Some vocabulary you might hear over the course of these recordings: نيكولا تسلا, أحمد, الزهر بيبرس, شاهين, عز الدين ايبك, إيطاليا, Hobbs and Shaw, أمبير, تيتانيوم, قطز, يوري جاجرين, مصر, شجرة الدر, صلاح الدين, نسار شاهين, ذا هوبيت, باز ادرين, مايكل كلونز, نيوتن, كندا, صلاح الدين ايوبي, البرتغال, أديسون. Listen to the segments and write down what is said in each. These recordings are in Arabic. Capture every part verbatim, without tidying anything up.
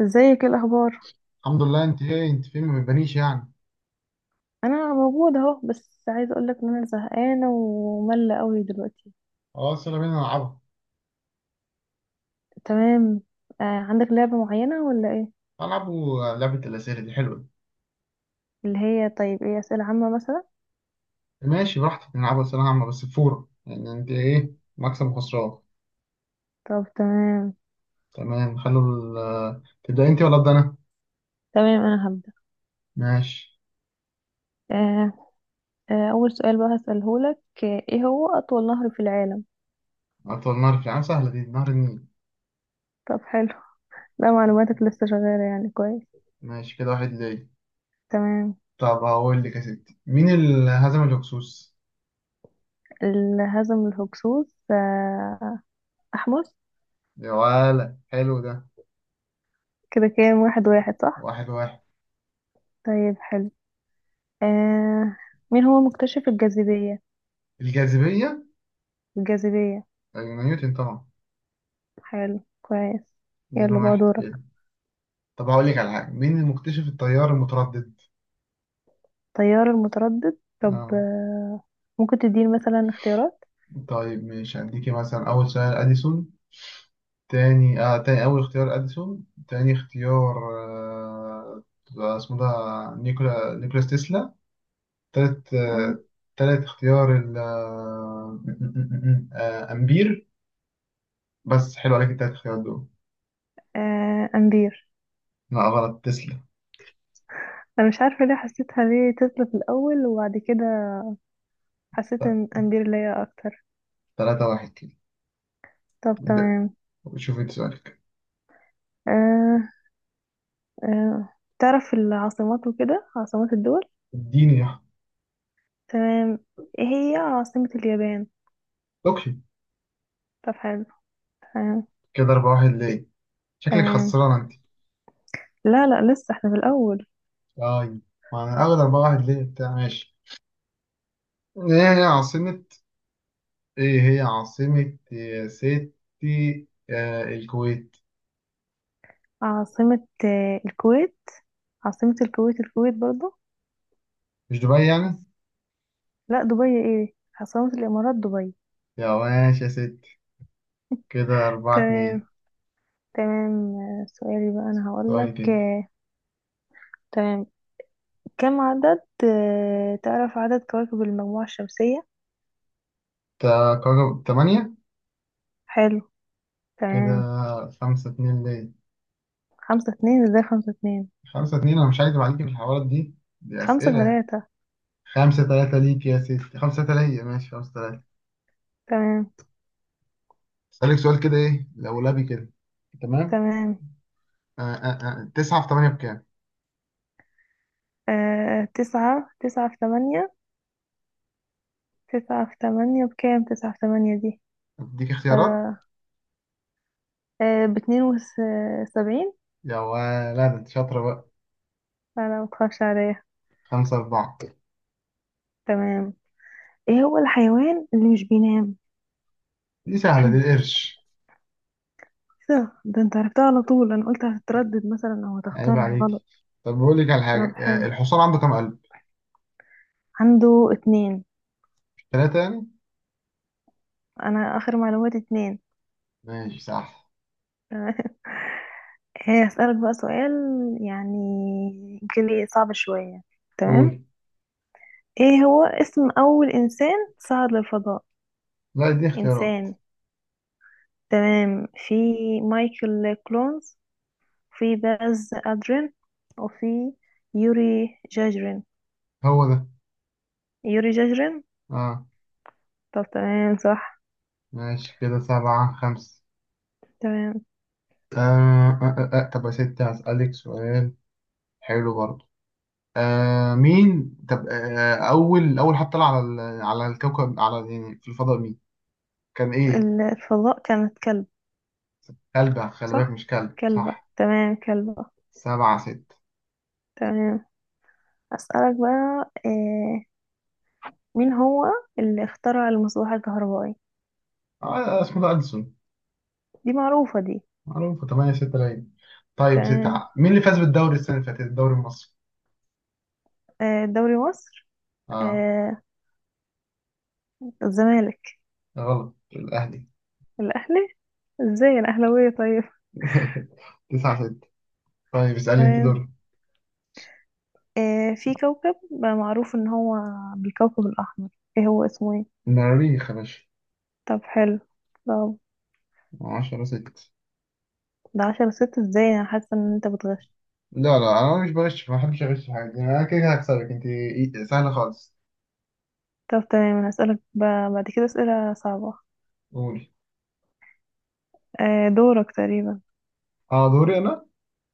ازيك، ايه الاخبار؟ الحمد لله، انت ايه، انت فين، ما بتبانيش يعني. انا موجوده اهو، بس عايزه اقول لك ان انا زهقانه وملة قوي دلوقتي. خلاص، يلا بينا نلعبها. تمام. آه عندك لعبه معينه ولا ايه؟ هنلعبوا لعبة الأسئلة، دي حلوة اللي هي طيب ايه اسئله عامه مثلا؟ دي. ماشي، براحتك نلعبها أسئلة عامة بس بفورة، يعني انت ايه؟ مكسب وخسران؟ طب تمام. تمام. خلوا ال... آه، تبدأ انت ولا أبدأ أنا؟ تمام انا هبدا. ماشي. آه. آه اول سؤال بقى هساله لك، آه، ايه هو اطول نهر في العالم؟ أطول نهر في العالم، سهلة دي. نهر النيل. طب حلو. لا، طب معلوماتك لسه شغاله يعني، كويس. ماشي، كده واحد ليه. تمام. طب هقول لك يا ستي، مين اللي هزم الهكسوس؟ ال- هزم الهكسوس، آه. احمس. يا ولا، حلو ده. كده كام، واحد واحد صح. واحد واحد. طيب حلو. آه. مين هو مكتشف الجاذبيه؟ الجاذبية؟ الجاذبية. أيوة، نيوتن طبعا. حلو كويس. اتنين يلا بقى واحد دورك. كده. طب هقول لك على حاجة، مين المكتشف التيار المتردد؟ تيار المتردد طب، اه. آه، ممكن تديني مثلا اختيارات؟ طيب، مش هديكي مثلا؟ أول سؤال، أديسون. تاني آه تاني أول اختيار أديسون. تاني اختيار، آه آه، اسمه ده نيكولا نيكولاس تسلا. تالت آه مم. تالت اختيار ال آه آه، أمبير. بس حلو عليك التلات اختيارات دول. آه أمبير. لا، غلط. تسلا. أنا مش عارفة ليه حسيتها، ليه تسلا في الأول وبعد كده حسيت ط- إن أمبير ليا أكتر. تلاتة واحد كده. طب د- تمام. شوف انت سؤالك. آه. آه. تعرف العاصمات وكده، عاصمات الدول؟ اديني يا أحمد. تمام. إيه هي عاصمة اليابان؟ اوكي. طب حلو. تمام. كده أربعة واحد ليه. شكلك تمام. خسران انت. لا لا، لسه احنا في الأول. أي. ما أنا أول أربعة واحد ليه بتاع ماشي. ايه هي عاصمة ايه هي عاصمة يا ستي آه الكويت؟ عاصمة آه، الكويت. عاصمة الكويت الكويت برضو. مش دبي يعني؟ لا، دبي ايه؟ عاصمة الامارات دبي. يا ماشي يا ستي. كده أربعة تمام. اتنين تمام، آه، سؤالي بقى انا سؤالك هقولك، انت. آه، تمام. كم عدد، آه، تعرف عدد كواكب المجموعة الشمسية؟ تا- كوكب تمانية. حلو. كده تمام. خمسة اتنين ليه. خمسة اتنين ازاي؟ خمسة اتنين. خمسة اتنين، أنا مش هكدب عليك في الحوارات دي. دي خمسة أسئلة. تلاتة خمسة تلاتة ليك يا ستي، خمسة تلاتة ليا، ماشي خمسة تلاتة. تمام. أسألك سؤال كده ايه، لولبي كده. تمام. تمام. آه آه آه. تسعة في تمانية بكام؟ آه تسعة تسعة في تمانية. تسعة في تمانية بكام؟ تسعة في تمانية دي. أديك اختيارات. برا. آه، باتنين وسبعين. يا ولد، شاطرة بقى. لا لا، متخافش عليا. خمسة أربعة. تمام. ايه هو الحيوان اللي مش بينام؟ دي سهلة دي، القرش. ده ده انت عرفتها على طول. انا قلت هتتردد مثلا او عيب هتختار عليك. غلط. طب بقول لك على طب حاجة، آه، حلو. الحصان عنده كام قلب؟ عنده اتنين. ثلاثة يعني؟ انا اخر معلوماتي اتنين. ماشي صح. تمام. هي هسألك بقى سؤال يعني، يمكن ايه صعب شوية. تمام. قول. ايه هو اسم اول انسان صعد للفضاء؟ لا، دي اختيارات. انسان. تمام. في مايكل كلونز، في باز ادرين، وفي يوري جاجرين. هو ده. يوري جاجرين. اه. طب تمام صح. ماشي كده سبعة خمسة. تمام. آه آه آه آه. طب يا ستي هسألك سؤال حلو برضه. آه مين، طب، آه آه، أول أول حد طلع على ال- على الكوكب، على، يعني في الفضاء، مين؟ كان إيه؟ الفضاء كانت كلب. كلب. خلي بالك صح. مش كلب، كلبة، صح. تمام كلبة. سبعة ستة. تمام. أسألك بقى، آه، مين هو اللي اخترع المصباح الكهربائي؟ آه اسمه ده ألسون. دي معروفة دي. معروفة. تمانية ستة لعيب. طيب يا ستي، تمام. مين اللي فاز بالدوري السنة اللي فاتت، الدوري المصري؟ آه، دوري مصر. اه. آه. الزمالك. غلط، الأهلي. الأهلي. ازاي، أنا أهلاوية طيب. تسعة ستة. طيب اسألني، انت تمام. دور. آه، في كوكب بقى معروف إن هو بالكوكب الأحمر، ايه هو اسمه ايه؟ المريخ يا باشا. طب حلو. طب. عشرة ستة. ده عشرة ست ازاي؟ أنا حاسة إن أنت بتغش. لا لا، أنا مش بغش، ما بحبش أغش في حاجة. أنا كده كده هكسبك انت. إي- سهلة خالص. طب تمام. أنا هسألك بقى بعد كده أسئلة صعبة. قولي. آه دورك تقريبا. اه، دوري أنا.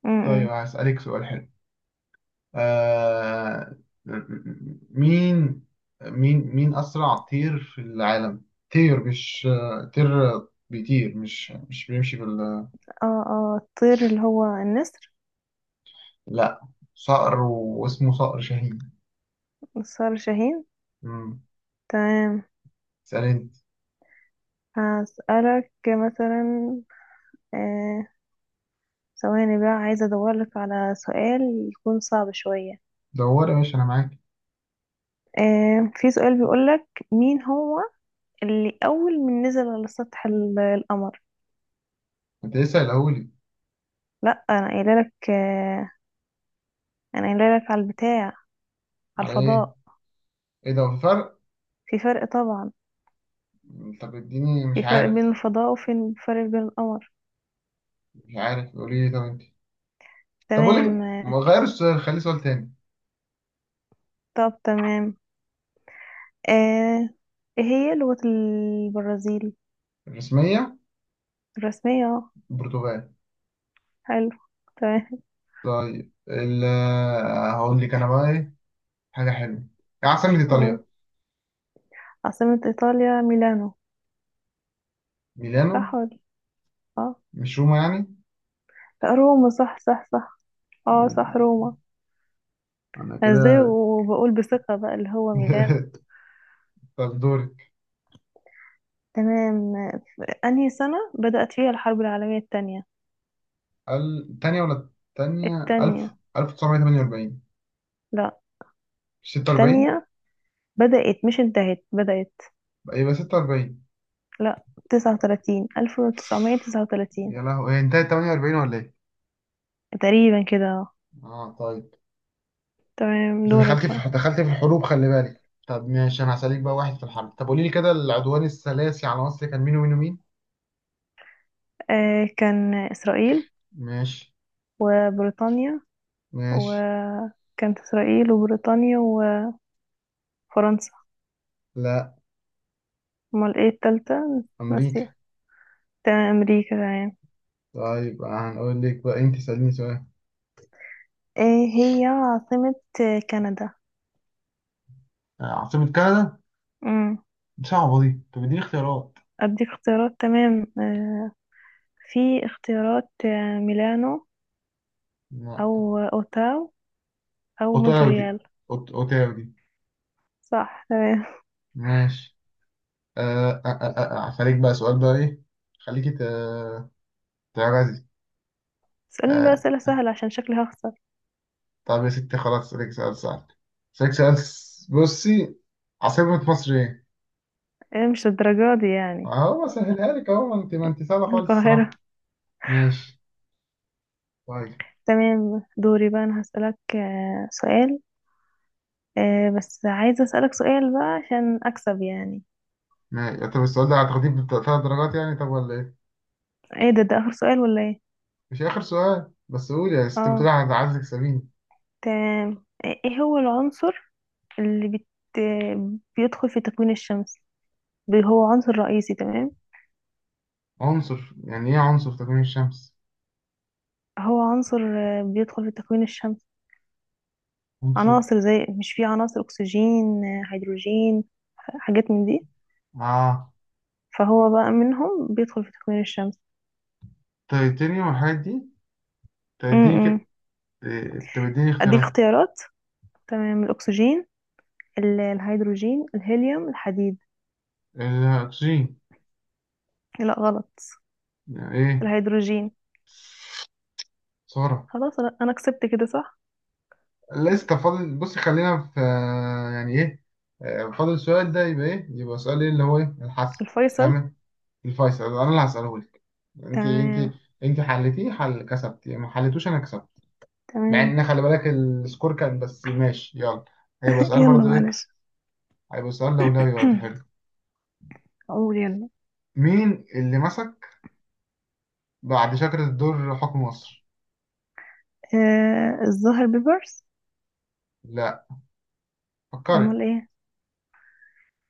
م- طيب م. هسألك سؤال حلو. آه... مين، مين مين أسرع طير في العالم؟ طير، مش طير بيطير، مش مش بيمشي بال... اه اه، الطير اللي هو النسر. لا، صقر، واسمه صقر شاهين. نسار شاهين. مم. تمام. اسألني. هسألك مثلا، آه، ثواني بقى عايزة أدورلك على سؤال يكون صعب شوية. دور يا باشا، انا معاك. آه في سؤال بيقولك مين هو اللي أول من نزل على سطح ال- القمر؟ انت لسه قايلهولي. لأ أنا قايلة لك، آه، أنا قايلة لك على البتاع، على على ايه؟ الفضاء. ايه ده؟ هو في فرق. في فرق طبعا. طب اديني، في مش فرق بين عارف. الفضاء وفي فرق بين القمر. مش عارف، قولي لي طب انت. طب اقول تمام، لك، ما آه، غير السؤال، خلي سؤال تاني. طب تمام. آه. ايه هي لغة البرازيل؟ الرسميه؟ الرسمية اه. البرتغال. حلو. تمام. طيب، ال هقول لك انا بقى ايه. حاجه حلوه. ايه عاصمه قول. ايطاليا؟ عاصمة ايطاليا ميلانو. ميلانو. صح ولا؟ اه. مش روما يعني؟ لا، آه، روما صح صح صح. اه صح مم. روما. انا أنا ازاي كده. وبقول بثقة بقى اللي هو ميلانو. طب دورك. تمام. انهي سنة بدأت فيها الحرب العالمية التانية؟ ال- تانية ولا تانية؟ ألف التانية. 1948. لا. ستة وأربعين. التانية بدأت، مش انتهت، بدأت. يبقى ستة وأربعين. لا. تسعة وتلاتين، ألف وتسعمية تسعة وتلاتين. يا لهوي، هي انتهت تمانية وأربعين ولا ايه؟ تقريبا كده، آه. اه طيب. تمام انت دورك دخلت في بقى. دخلت في الحروب، خلي بالك. طب ماشي، انا هسألك بقى واحد في الحرب. طب قولي لي كده، العدوان الثلاثي على مصر كان مين ومين ومين؟ آه، كان إسرائيل ماشي. وبريطانيا. ماشي. وكانت إسرائيل وبريطانيا وفرنسا. لا. أمال ايه التالتة؟ امريكا. ناسية. تمام أمريكا تمام. طيب هنقول لك بقى، انت سأليني سؤال. ايه هي عاصمة كندا؟ آه، عاصمة كندا. امم دي صعبة دي، طب اديني اختيارات. أديك اختيارات، تمام، آه، في اختيارات، آه، ميلانو، لا. أو أوتاو، أو اوتاوا دي. مونتريال. أوت- اوتاوا دي. صح تمام. ماشي. آه، آه، آه، آه، آه، آه، هسألك بقى سؤال بقى ايه. خليكي ت- تعجزي. اسألني بقى آه، أسئلة سهلة عشان شكلي هخسر. طب يا ستي خلاص، اسألك سؤال سهل. اسألك سؤال، س- بصي. عاصمة مصر ايه؟ ايه، مش الدرجة دي يعني؟ اهو بسهلها لك اهو، ما انت ما انت سهله خالص القاهرة. الصراحه. ماشي. طيب. تمام دوري بقى. أنا هسألك آه، سؤال. آه بس عايزة أسألك سؤال بقى عشان أكسب يعني. ماشي. طب السؤال ده هتاخديه بثلاث درجات يعني، طب ولا ايه؟ ايه ده؟ ده آخر سؤال ولا ايه؟ مش اخر سؤال بس، قول يا ست، اه. بتقولي هتعزك، سبيني. تمام. ايه، إيه هو العنصر اللي بت... بيدخل في تكوين الشمس؟ بي- هو عنصر رئيسي، تمام؟ عنصر؟ يعني ايه عنصر في تكوين الشمس؟ هو عنصر، آه، بيدخل في تكوين الشمس. عنصر؟ عناصر، زي مش في عناصر، أكسجين، آه، هيدروجين، ح- حاجات من دي. اه، فهو بقى منهم بيدخل في تكوين الشمس. تيتانيوم والحاجات دي. طب م اديني كده. -م. إيه، طب اديني أديك اختيارات. اختيارات، تمام، الأكسجين، ال- الهيدروجين، الهيليوم، الحديد. الاكسجين. لا غلط. يعني ايه؟ الهيدروجين. سعره؟ خلاص انا انا كسبت كده صح. لسه فاضل، بص خلينا في آه، يعني ايه. آه، فاضل السؤال ده، يبقى ايه، يبقى سؤال ايه، اللي هو ايه، الحسب. الفيصل. فاهم؟ الفيصل انا اللي هسأله. انت انت. تمام. انت حلتيه حل، كسبتي، ما حلتوش، انا كسبت. مع تمام. ان خلي بالك السكور كان، بس ماشي يلا. هيبقى سؤال يلا برضه ايه، معلش. هيبقى سؤال لولبي برضه حلو. اقول يلا. مين اللي مسك بعد شجرة الدر حكم مصر؟ آه الزهر بيبرس. لا، فكري. امال ايه؟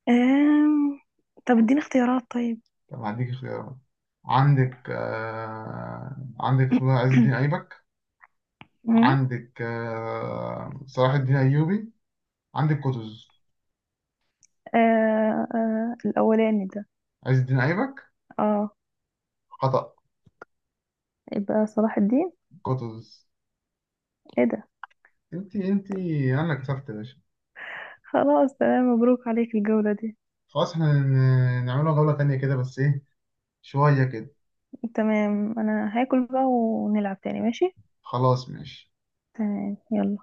آم... طب اديني اختيارات طيب. طب هديك اختيارات. عندك آه... عندك اسمه ده عز الدين ايبك. مم. عندك آه... صلاح الدين ايوبي. عندك قطز. آه آه، الأولاني ده. عز الدين ايبك؟ اه. خطأ. يبقى صلاح الدين. قطز. ايه ده؟ انت انت. انا كسبت يا باشا. خلاص تمام مبروك عليك الجولة دي. خلاص احنا ن- نعملها جولة تانية كده بس ايه، شوية كده. تمام انا هاكل بقى ونلعب تاني ماشي. خلاص ماشي. تمام يلا.